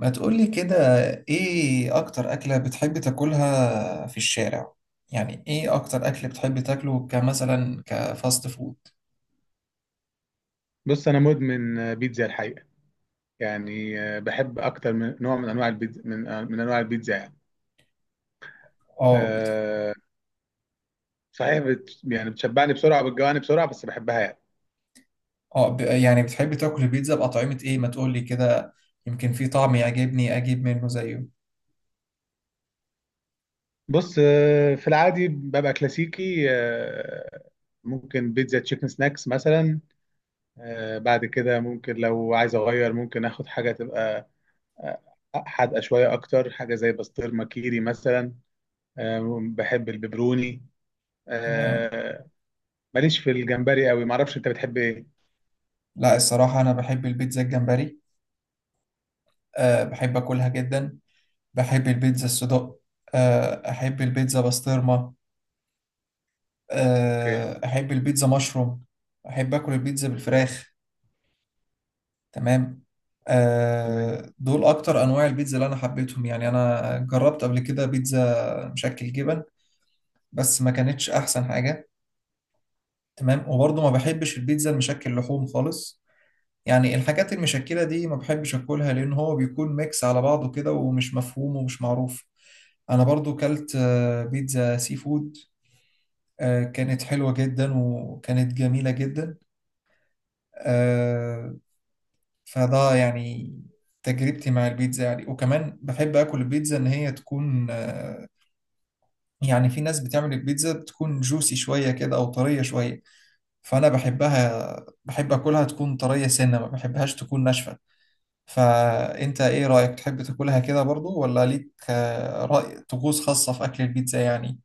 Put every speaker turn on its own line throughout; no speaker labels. ما تقولي كده. ايه اكتر اكلة بتحب تاكلها في الشارع؟ يعني ايه اكتر اكل بتحب تاكله، كمثلا كفاست فود؟
بص انا مدمن بيتزا الحقيقه يعني بحب اكتر من نوع من انواع البيتزا من من انواع البيتزا يعني.
اه،
أه. صحيح يعني بتشبعني بسرعه بتجوعني بسرعه بس بحبها يعني.
اه، يعني بتحب تاكل البيتزا بأطعمة ايه، ما تقولي كده. يمكن في طعم يعجبني اجيب منه زيه.
بص، في العادي ببقى كلاسيكي. ممكن بيتزا تشيكن سناكس مثلا. بعد كده ممكن لو عايز اغير ممكن اخد حاجه تبقى آه، حادقه شويه، اكتر حاجه زي بسطرمه كيري مثلا. بحب البيبروني.
تمام.
آه، ماليش في الجمبري قوي. معرفش انت بتحب ايه؟
لا الصراحة انا بحب البيتزا الجمبري. أه بحب اكلها جدا. بحب البيتزا الصدق. أه احب البيتزا بسطرمة.
اوكي.
أه احب البيتزا مشروم. احب اكل البيتزا بالفراخ. تمام.
تمام.
دول اكتر انواع البيتزا اللي انا حبيتهم، يعني انا جربت قبل كده بيتزا مشكل جبن. بس ما كانتش احسن حاجة. تمام. وبرضه ما بحبش البيتزا المشكل لحوم خالص. يعني الحاجات المشكلة دي ما بحبش اكلها، لان هو بيكون ميكس على بعضه كده ومش مفهوم ومش معروف. انا برضو كلت بيتزا سي فود. كانت حلوة جدا وكانت جميلة جدا. آه، فده يعني تجربتي مع البيتزا، يعني وكمان بحب اكل البيتزا ان هي تكون يعني في ناس بتعمل البيتزا بتكون جوسي شوية كده او طرية شوية. فانا بحبها، بحب اكلها تكون طرية سنة، ما بحبهاش تكون ناشفة. فانت ايه رأيك؟ تحب تاكلها كده برضو، ولا ليك رأي طقوس خاصة في اكل البيتزا يعني؟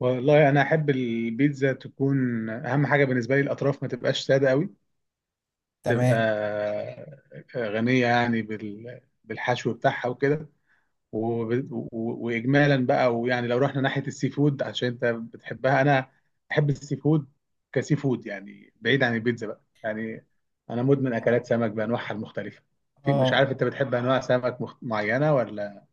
والله انا احب البيتزا تكون، اهم حاجه بالنسبه لي الاطراف ما تبقاش ساده قوي،
تمام.
تبقى غنيه يعني بالحشو بتاعها وكده. وب- و- واجمالا بقى، ويعني لو رحنا ناحيه السي فود عشان انت بتحبها، انا بحب السي فود. كسي فود يعني، بعيد عن البيتزا بقى يعني. انا مدمن اكلات سمك بانواعها المختلفه. في، مش
اه،
عارف انت بتحب انواع سمك معينه ولا.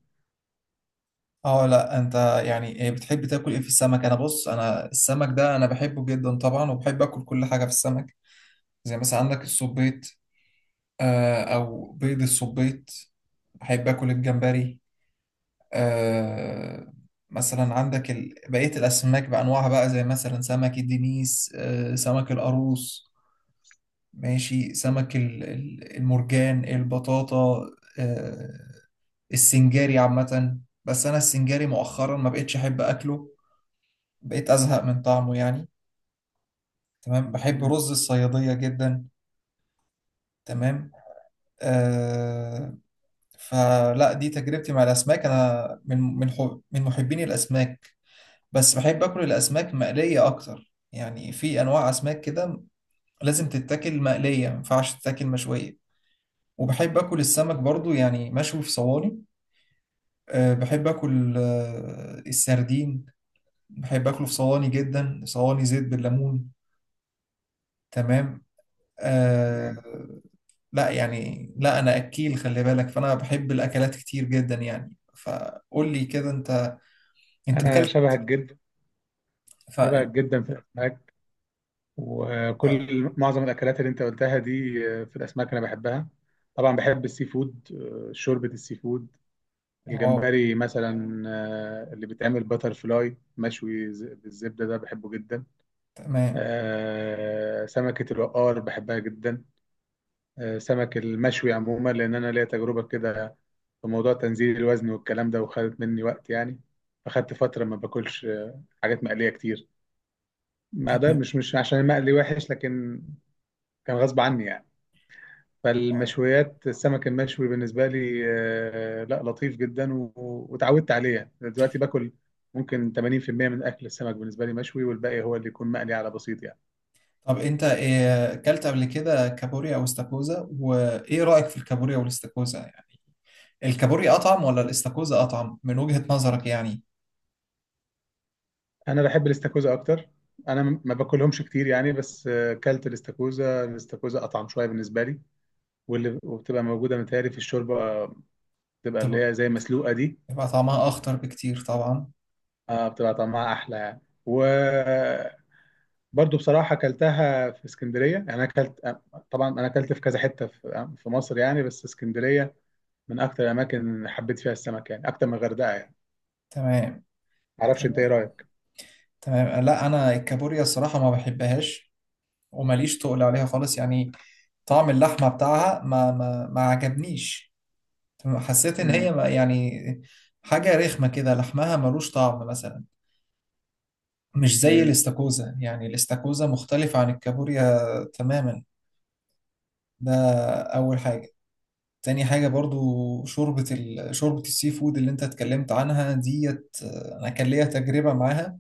اه، لا انت. يعني إيه بتحب تاكل ايه في السمك؟ انا بص، انا السمك ده انا بحبه جدا طبعا، وبحب اكل كل حاجة في السمك. زي مثلا عندك الصبيط، او بيض الصبيط. بحب اكل الجمبري. آه، مثلا عندك بقية الاسماك بانواعها بقى، زي مثلا سمك الدنيس، سمك القاروص. ماشي، سمك المرجان البطاطا، آه، السنجاري عامة. بس انا السنجاري مؤخرا ما بقتش احب اكله، بقيت ازهق من طعمه يعني. تمام، بحب
مم.
رز الصيادية جدا. تمام. آه، فلا دي تجربتي مع الاسماك، انا من حب، من محبين الاسماك. بس بحب اكل الاسماك مقليه اكتر، يعني في انواع اسماك كده لازم تتاكل مقليه، ما ينفعش تتاكل مشويه. وبحب اكل السمك برضو، يعني مشوي في صواني. أه بحب اكل السردين. بحب اكله في صواني جدا، صواني زيت بالليمون. تمام. أه.
تمام.
لا، يعني لا، انا اكيل خلي بالك، فانا بحب الاكلات كتير جدا يعني. فقول لي كده انت، انت
انا
اكلت.
شبهك جدا،
ف
شبهك جدا في الاسماك.
اه.
وكل معظم الاكلات اللي انت قلتها دي في الاسماك انا بحبها. طبعا بحب السي فود. شوربه السي فود،
آه،
الجمبري مثلا، اللي بيتعمل باتر فلاي مشوي بالزبده ده بحبه جدا.
تمام،
سمكه الوقار بحبها جدا. سمك المشوي عموما، لان انا ليا تجربه كده في موضوع تنزيل الوزن والكلام ده، وخدت مني وقت يعني. فخدت فتره ما باكلش حاجات مقليه كتير. ما ده
تمام،
مش، عشان المقلي وحش، لكن كان غصب عني يعني.
اه.
فالمشويات، السمك المشوي بالنسبة لي لا، لطيف جدا واتعودت عليه. يعني دلوقتي باكل ممكن 80% من أكل السمك بالنسبة لي مشوي، والباقي هو اللي يكون مقلي على بسيط يعني.
طب انت إيه اكلت قبل كده، كابوريا او استاكوزا؟ وايه رايك في الكابوريا والاستاكوزا يعني؟ الكابوريا اطعم ولا الاستاكوزا اطعم من وجهة نظرك يعني؟
أنا بحب الاستاكوزا أكتر. أنا ما باكلهمش كتير يعني، بس كلت الاستاكوزا. الاستاكوزا أطعم شوية بالنسبة لي. واللي، وبتبقى موجودة متهيألي في الشوربة بتبقى اللي
طب،
هي زي مسلوقة دي.
يبقى طعمها اخطر بكتير طبعا.
بتبقى طعمها أحلى يعني. و برضو بصراحة أكلتها في اسكندرية يعني. أنا أكلت، طبعا أنا أكلت في كذا حتة في مصر يعني، بس اسكندرية من أكتر الأماكن اللي حبيت فيها السمك يعني، أكتر من الغردقة يعني.
تمام.
معرفش أنت إيه
تمام.
رأيك؟
تمام. لا، انا الكابوريا الصراحه ما بحبهاش، وماليش تقل عليها خالص يعني. طعم اللحمه بتاعها ما عجبنيش. تمام، حسيت ان هي
مم.
يعني حاجه رخمه كده، لحمها ملوش طعم مثلا. مش زي
مم.
الاستاكوزا، يعني الاستاكوزا مختلف عن الكابوريا تماما. ده أول حاجة. تاني حاجة برضو، شوربة السي فود اللي انت اتكلمت عنها ديت، انا كان ليا تجربة معاها.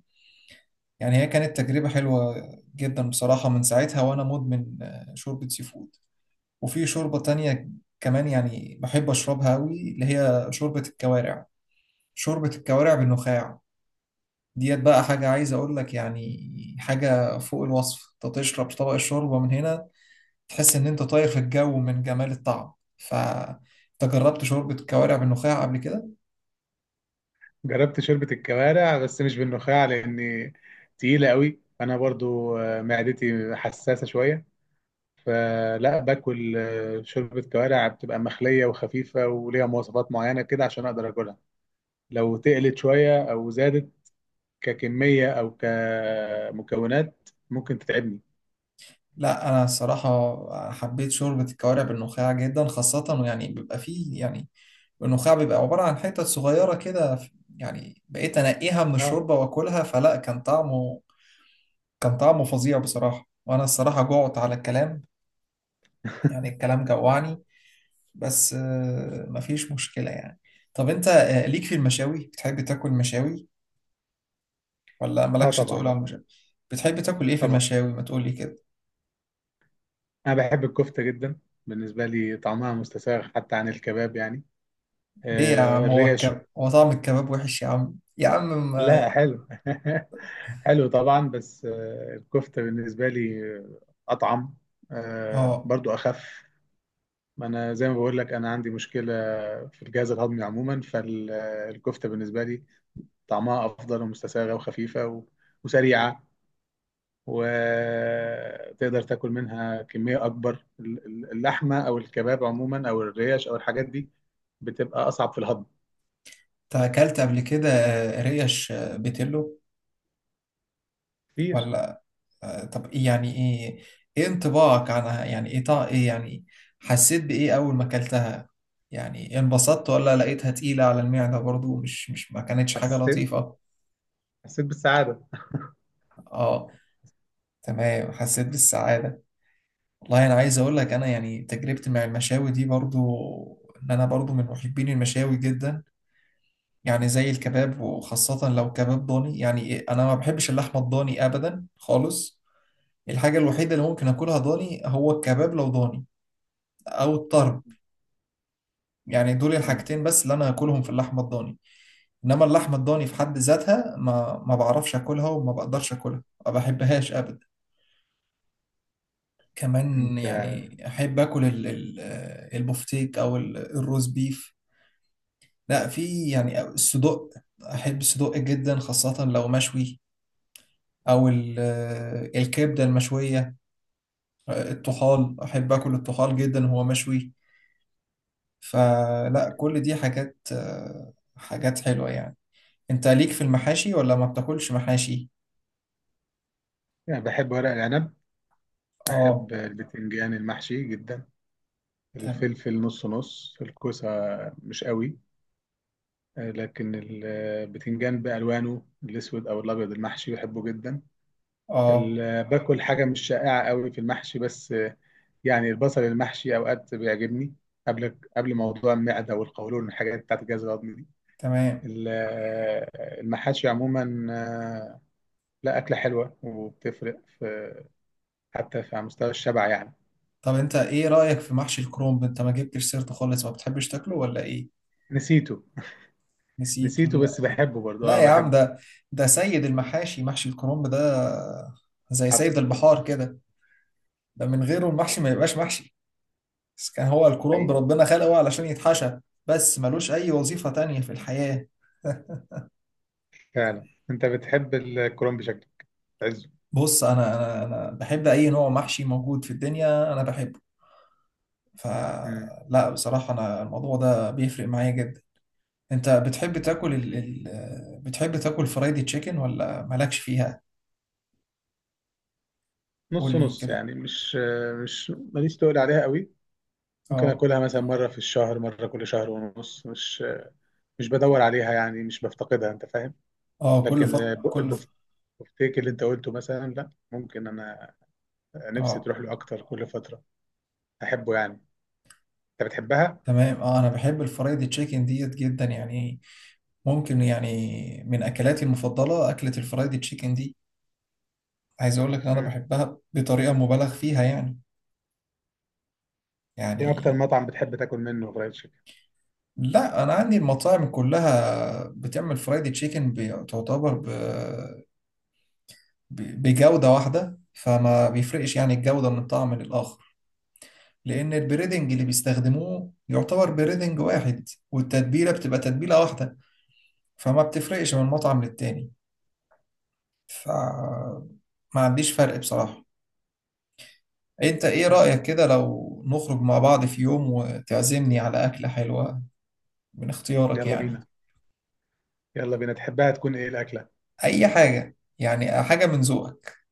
يعني هي كانت تجربة حلوة جدا بصراحة، من ساعتها وانا مدمن شوربة سي فود. وفي شوربة تانية كمان، يعني بحب اشربها قوي، اللي هي شوربة الكوارع، شوربة الكوارع بالنخاع. ديت بقى حاجة عايز أقول لك يعني، حاجة فوق الوصف. أنت تشرب طبق الشوربة من هنا، تحس إن أنت طاير في الجو من جمال الطعم. ف أنت جربت شوربة الكوارع بالنخاع قبل كده؟
جربت شوربة الكوارع بس مش بالنخاع، لأني تقيلة قوي. أنا برضو معدتي حساسة شوية. فلا باكل شوربة كوارع بتبقى مخلية وخفيفة وليها مواصفات معينة كده عشان أقدر أكلها. لو تقلت شوية أو زادت ككمية أو كمكونات ممكن تتعبني.
لا، أنا الصراحة حبيت شوربة الكوارع بالنخاع جدا، خاصة يعني بيبقى فيه، يعني النخاع بيبقى عبارة عن حتت صغيرة كده. يعني بقيت أنقيها من
اه.
الشوربة وأكلها، فلا كان طعمه فظيع بصراحة. وأنا الصراحة جوعت على الكلام، يعني الكلام جوعني. بس مفيش مشكلة يعني. طب انت ليك في المشاوي؟ بتحب تاكل مشاوي ولا
اه
مالكش، تقول
طبعا.
على المشاوي؟ بتحب تاكل ايه في
طبعا،
المشاوي، ما تقولي كده.
أنا بحب الكفتة جدا. بالنسبة لي طعمها مستساغ حتى عن الكباب يعني.
ليه يا
آه،
عم؟
الريش.
هو طعم الكباب وحش يا عم؟ يا عم ما...
لا، حلو. حلو طبعا، بس آه الكفتة بالنسبة لي أطعم. آه،
اه.
برضو أخف. ما أنا زي ما بقول لك، أنا عندي مشكلة في الجهاز الهضمي عموما. فالكفتة بالنسبة لي طعمها أفضل ومستساغة وخفيفة وسريعة، وتقدر تاكل منها كميه اكبر. اللحمه او الكباب عموما او الريش او الحاجات دي بتبقى اصعب في الهضم.
انت اكلت قبل كده ريش بيتلو
كتير.
ولا؟ طب ايه؟ يعني ايه؟ ايه انطباعك عنها، يعني ايه ايه يعني، حسيت بايه اول ما اكلتها؟ يعني انبسطت ولا لقيتها تقيلة على المعدة، برضو مش ما كانتش حاجة
حسيت،
لطيفة؟
حسيت بالسعاده.
اه، تمام، حسيت بالسعادة. والله أنا عايز أقول لك أنا، يعني تجربتي مع المشاوي دي برضو، إن أنا برضو من محبين المشاوي جدا. يعني زي الكباب، وخاصة لو كباب ضاني، يعني إيه، أنا ما بحبش اللحمة الضاني أبدا خالص. الحاجة الوحيدة اللي ممكن أكلها ضاني هو الكباب لو ضاني، أو الطرب. يعني دول
مم.
الحاجتين بس اللي أنا أكلهم في اللحمة الضاني. إنما اللحمة الضاني في حد ذاتها ما بعرفش أكلها، وما بقدرش أكلها، ما بحبهاش أبدا. كمان
انت.
يعني احب اكل البفتيك، او الروز بيف. لا، في يعني الصدوق، احب الصدوق جدا خاصة لو مشوي، او الكبدة المشوية. الطحال، احب اكل الطحال جدا وهو مشوي. فلا كل دي حاجات، حاجات حلوة يعني. انت ليك في المحاشي، ولا ما بتاكلش محاشي؟
يعني بحب ورق العنب،
اه،
بحب البتنجان المحشي جدا،
تمام.
الفلفل نص نص، الكوسة مش قوي. لكن البتنجان بألوانه الأسود أو الأبيض المحشي بحبه جدا.
اه،
باكل حاجة مش شائعة قوي في المحشي بس. يعني البصل المحشي اوقات بيعجبني، قبل، موضوع المعده والقولون والحاجات بتاعت الجهاز الهضمي دي.
تمام.
ال- المحاشي عموما آه، لا، اكله حلوه وبتفرق في، حتى في على مستوى الشبع يعني.
طب انت ايه رأيك في محشي الكرنب؟ انت ما جبتش سيرته خالص، ما بتحبش تاكله ولا ايه؟
نسيته.
نسيت
بس
ولا؟
بحبه برضه،
لا
اه
يا عم،
بحبه.
ده سيد المحاشي، محشي الكرنب ده، زي
حصل.
سيد البحار كده. ده من غيره المحشي
حصل.
ما يبقاش محشي. بس كان هو الكرنب
حقيقي.
ربنا خلقه علشان يتحشى، بس ملوش أي وظيفة تانية في الحياة.
فعلا انت بتحب الكرنب بشكل عزه.
بص أنا بحب أي نوع محشي موجود في الدنيا أنا بحبه.
مم.
فلا بصراحة أنا الموضوع ده بيفرق معايا جدا. أنت بتحب تاكل بتحب تاكل فرايدي تشيكن ولا مالكش فيها؟ قول
نص
لي
نص
كده.
يعني، مش مش ماليش تقول عليها قوي. ممكن
اه،
اكلها مثلا مره في الشهر، مره كل شهر ونص. مش بدور عليها يعني، مش بفتقدها، انت فاهم.
اه،
لكن
كل،
البفتيك اللي انت قلته مثلا، لا ممكن انا نفسي
اه،
تروح له اكتر كل فتره، احبه يعني. انت بتحبها.
تمام، اه. انا بحب الفرايد تشيكن ديت جدا يعني. ممكن يعني من اكلاتي المفضله اكله الفرايد تشيكن دي. عايز اقول لك ان انا
مم.
بحبها بطريقه مبالغ فيها يعني.
ايه اكتر
يعني،
مطعم بتحب تاكل منه فرايد تشيكن؟
لا انا عندي المطاعم كلها بتعمل فرايد تشيكن بتعتبر بجوده واحده، فما بيفرقش يعني الجوده من طعم للاخر. لان البريدنج اللي بيستخدموه يعتبر بريدنج واحد، والتتبيله بتبقى تتبيله واحده. فما بتفرقش من مطعم للتاني. فما عنديش فرق بصراحة. انت ايه
حلو.
رأيك كده لو نخرج مع بعض في يوم، وتعزمني على أكلة حلوة من اختيارك
يلا
يعني؟
بينا. يلا بينا، تحبها تكون ايه الاكله؟
اي حاجة يعني، حاجة من ذوقك.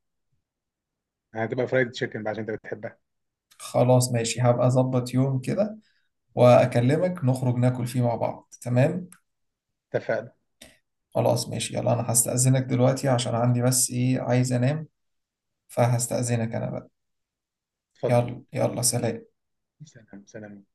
يعني هتبقى فرايد تشيكن بقى عشان انت بتحبها.
خلاص ماشي، هبقى اظبط يوم كده واكلمك، نخرج ناكل فيه مع بعض. تمام.
اتفقنا.
خلاص ماشي، يلا انا هستأذنك دلوقتي، عشان عندي بس ايه، عايز انام. فهستأذنك انا بقى.
اتفضل.
يلا يلا سلام.
سلام سلام.